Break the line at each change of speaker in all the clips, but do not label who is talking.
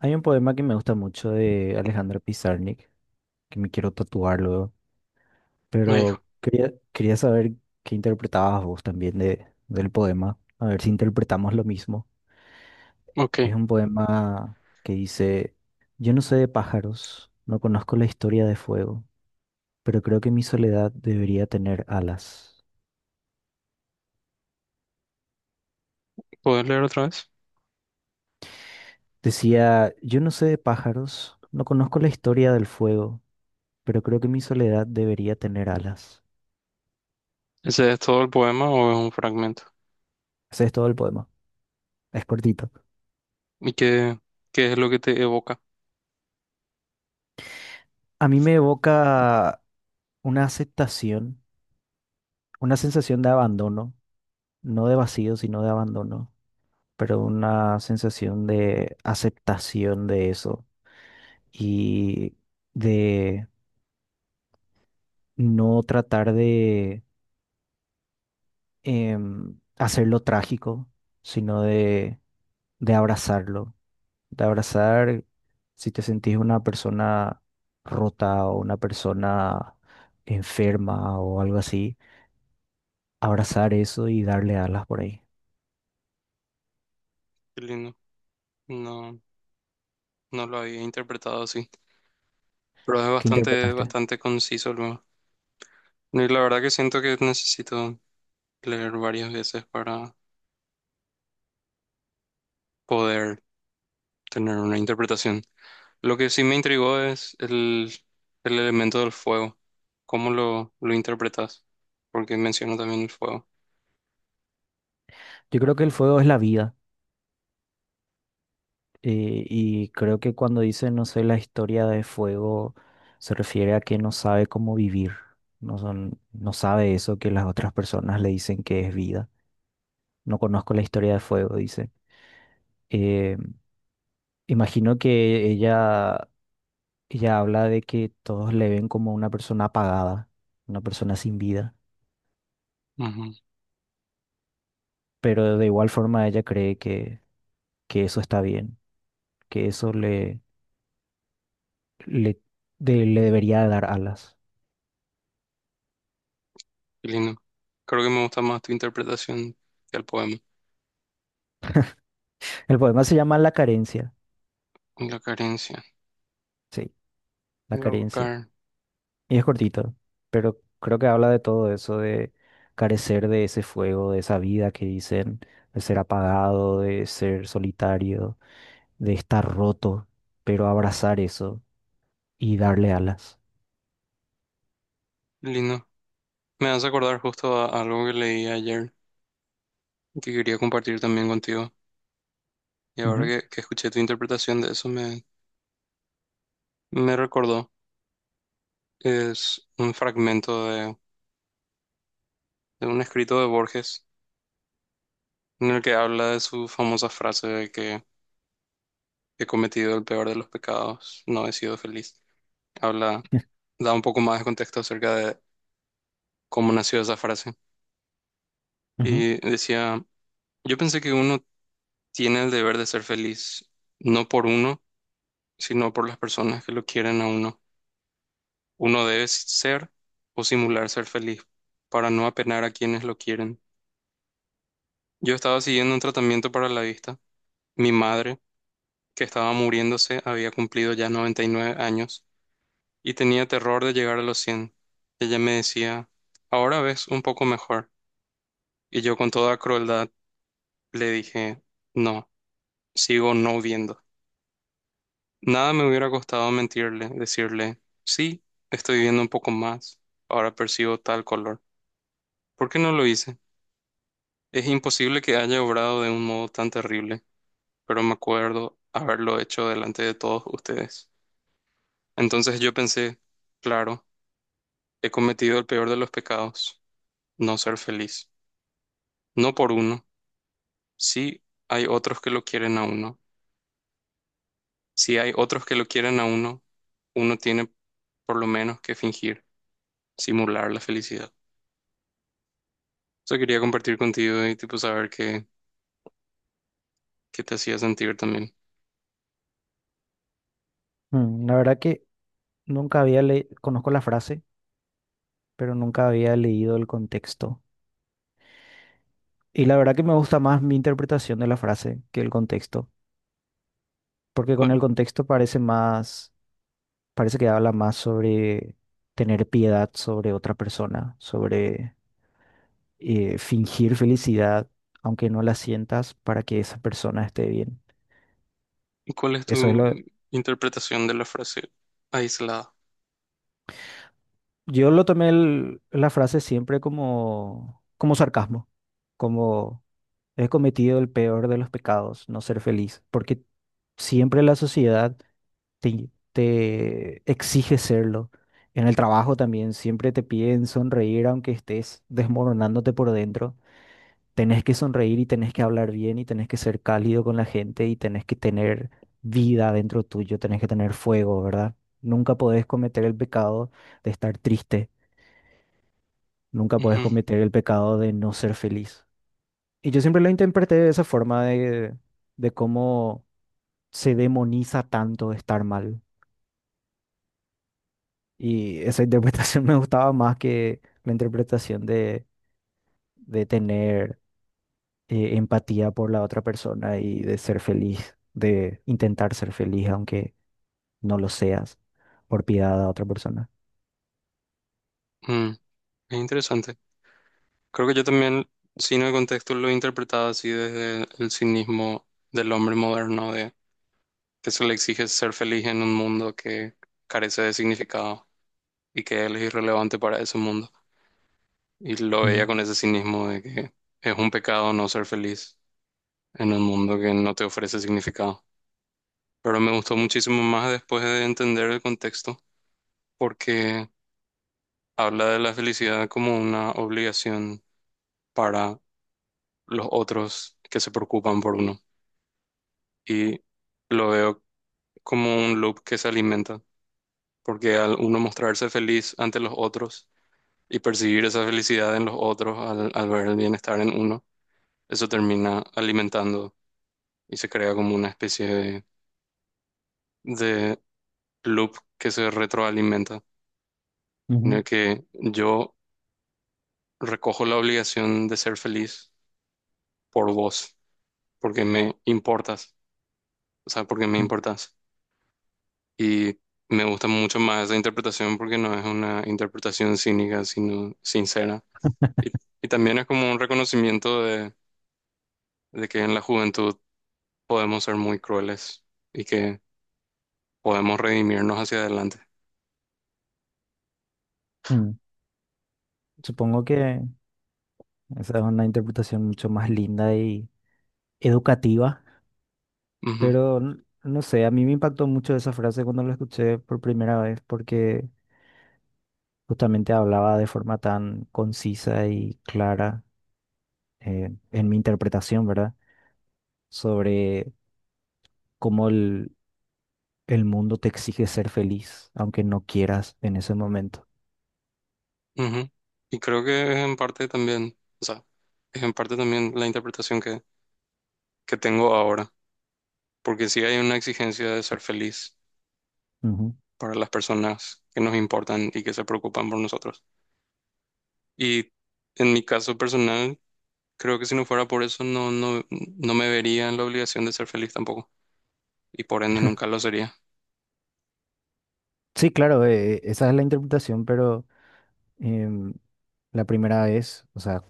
Hay un poema que me gusta mucho de Alejandro Pizarnik, que me quiero tatuar luego,
Ay,
pero quería saber qué interpretabas vos también de, del poema, a ver si interpretamos lo mismo.
ok,
Es un poema que dice, yo no sé de pájaros, no conozco la historia de fuego, pero creo que mi soledad debería tener alas.
¿puedes leer otra vez?
Decía, yo no sé de pájaros, no conozco la historia del fuego, pero creo que mi soledad debería tener alas.
¿Ese es todo el poema o es un fragmento?
Ese es todo el poema, es cortito.
¿Y qué, qué es lo que te evoca?
A mí me evoca una aceptación, una sensación de abandono, no de vacío, sino de abandono, pero una sensación de aceptación de eso y de no tratar de hacerlo trágico, sino de abrazarlo, de abrazar si te sentís una persona rota o una persona enferma o algo así, abrazar eso y darle alas por ahí.
Qué lindo. No, no lo había interpretado así, pero es
¿Qué
bastante,
interpretaste?
bastante conciso luego. Y la verdad que siento que necesito leer varias veces para poder tener una interpretación. Lo que sí me intrigó es el elemento del fuego. ¿Cómo lo interpretas? Porque menciono también el fuego.
Yo creo que el fuego es la vida y creo que cuando dice no sé la historia de fuego se refiere a que no sabe cómo vivir, no, son, no sabe eso que las otras personas le dicen que es vida. No conozco la historia de fuego, dice. Eh, Imagino que ella habla de que todos le ven como una persona apagada, una persona sin vida, pero de igual forma ella cree que eso está bien, que eso le, le debería dar alas.
Qué lindo. Creo que me gusta más tu interpretación que el poema.
El poema se llama La carencia,
La carencia.
sí, La
Voy a
carencia.
buscar.
Y es cortito, pero creo que habla de todo eso, de carecer de ese fuego, de esa vida que dicen, de ser apagado, de ser solitario, de estar roto, pero abrazar eso y darle alas.
Lindo. Me hace acordar justo a algo que leí ayer y que quería compartir también contigo. Y ahora
Ujú,
que escuché tu interpretación de eso me, me recordó. Es un fragmento de un escrito de Borges en el que habla de su famosa frase de que he cometido el peor de los pecados, no he sido feliz. Habla, da un poco más de contexto acerca de cómo nació esa frase.
ujú.
Y decía... Yo pensé que uno tiene el deber de ser feliz, no por uno, sino por las personas que lo quieren a uno. Uno debe ser o simular ser feliz para no apenar a quienes lo quieren. Yo estaba siguiendo un tratamiento para la vista. Mi madre, que estaba muriéndose, había cumplido ya 99 años y tenía terror de llegar a los 100. Ella me decía, ahora ves un poco mejor. Y yo con toda crueldad le dije, no, sigo no viendo. Nada me hubiera costado mentirle, decirle, sí, estoy viendo un poco más, ahora percibo tal color. ¿Por qué no lo hice? Es imposible que haya obrado de un modo tan terrible, pero me acuerdo haberlo hecho delante de todos ustedes. Entonces yo pensé, claro, he cometido el peor de los pecados, no ser feliz. No por uno, sí hay otros que lo quieren a uno. Si hay otros que lo quieren a uno, uno tiene por lo menos que fingir, simular la felicidad. Sea, quería compartir contigo y tipo saber qué, qué te hacía sentir también.
Mm, la verdad que nunca había leído, conozco la frase, pero nunca había leído el contexto. Y la verdad que me gusta más mi interpretación de la frase que el contexto, porque con
¿Cuál,
el contexto parece más... Parece que habla más sobre tener piedad sobre otra persona, sobre fingir felicidad, aunque no la sientas, para que esa persona esté bien.
cuál es
Eso es
tu
lo...
interpretación de la frase aislada?
Yo lo tomé la frase siempre como, como sarcasmo, como he cometido el peor de los pecados, no ser feliz, porque siempre la sociedad te exige serlo. En el trabajo también siempre te piden sonreír aunque estés desmoronándote por dentro. Tenés que sonreír y tenés que hablar bien y tenés que ser cálido con la gente y tenés que tener vida dentro tuyo, tenés que tener fuego, ¿verdad? Nunca podés cometer el pecado de estar triste, nunca podés
Ujú.
cometer el pecado de no ser feliz. Y yo siempre lo interpreté de esa forma de cómo se demoniza tanto estar mal. Y esa interpretación me gustaba más que la interpretación de tener empatía por la otra persona y de ser feliz, de intentar ser feliz aunque no lo seas, por piedad a otra persona.
Mm, es interesante. Creo que yo también, sin el contexto, lo he interpretado así desde el cinismo del hombre moderno, de que se le exige ser feliz en un mundo que carece de significado y que él es irrelevante para ese mundo. Y lo veía
Mm,
con ese cinismo de que es un pecado no ser feliz en un mundo que no te ofrece significado. Pero me gustó muchísimo más después de entender el contexto, porque habla de la felicidad como una obligación para los otros que se preocupan por uno. Y lo veo como un loop que se alimenta, porque al uno mostrarse feliz ante los otros y percibir esa felicidad en los otros, al, al ver el bienestar en uno, eso termina alimentando y se crea como una especie de loop que se retroalimenta, en el
ujú,
que yo recojo la obligación de ser feliz por vos, porque me importas, o sea, porque me
mm,
importas. Y me gusta mucho más esa interpretación porque no es una interpretación cínica, sino sincera. Y también es como un reconocimiento de que en la juventud podemos ser muy crueles y que podemos redimirnos hacia adelante.
mm. Supongo que esa es una interpretación mucho más linda y educativa, pero no sé, a mí me impactó mucho esa frase cuando la escuché por primera vez porque justamente hablaba de forma tan concisa y clara en mi interpretación, ¿verdad? Sobre cómo el mundo te exige ser feliz, aunque no quieras en ese momento.
Ujú, ujú. Y creo que es en parte también, o sea, es en parte también la interpretación que tengo ahora, porque sí hay una exigencia de ser feliz
Ujú.
para las personas que nos importan y que se preocupan por nosotros. Y en mi caso personal, creo que si no fuera por eso, no, no, no me vería en la obligación de ser feliz tampoco. Y por ende nunca lo sería.
Sí, claro, esa es la interpretación, pero em, la primera vez, o sea,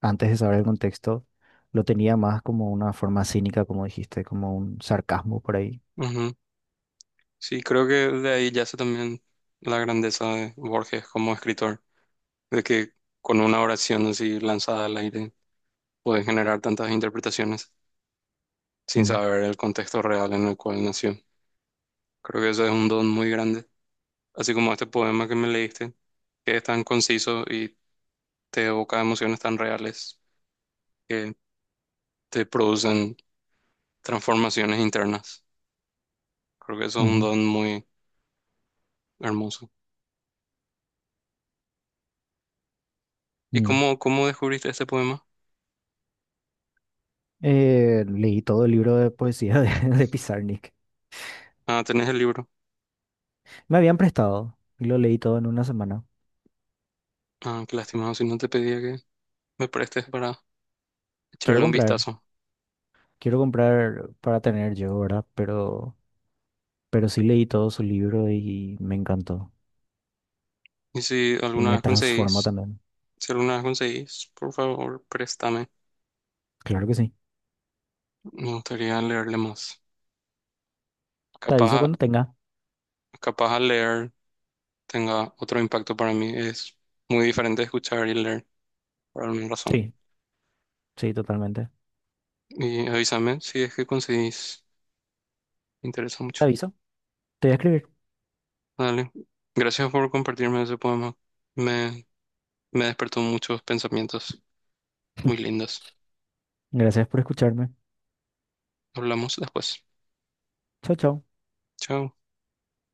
antes de saber el contexto, lo tenía más como una forma cínica, como dijiste, como un sarcasmo por ahí.
Ujú. Sí, creo que de ahí yace también la grandeza de Borges como escritor, de que con una oración así lanzada al aire puede generar tantas interpretaciones sin
Mm,
saber el contexto real en el cual nació. Creo que eso es un don muy grande, así como este poema que me leíste, que es tan conciso y te evoca emociones tan reales que te producen transformaciones internas. Creo que eso es un
ujú,
don muy hermoso. ¿Y
mm.
cómo, cómo descubriste este poema?
Leí todo el libro de poesía de, de Pizarnik.
Ah, tenés el libro.
Me habían prestado y lo leí todo en una semana.
Ah, qué lástima, si no te pedía que me prestes para
Quiero
echarle un
comprar,
vistazo.
quiero comprar para tener yo, ¿verdad? Pero sí leí todo su libro y me encantó.
Y si
Y
alguna
me
vez
transformó
conseguís,
también.
si alguna vez conseguís, por favor, préstame.
Claro que sí.
Me gustaría leerle más.
Te aviso
Capaz,
cuando tenga.
capaz al leer tenga otro impacto para mí. Es muy diferente escuchar y leer, por alguna razón.
Sí, sí, totalmente.
Y avísame si es que conseguís. Me interesa mucho.
Te aviso. Te voy a escribir.
Dale. Gracias por compartirme ese poema. Me, me despertó muchos pensamientos muy lindos.
Gracias por escucharme.
Hablamos después.
Chao, chao.
Chao.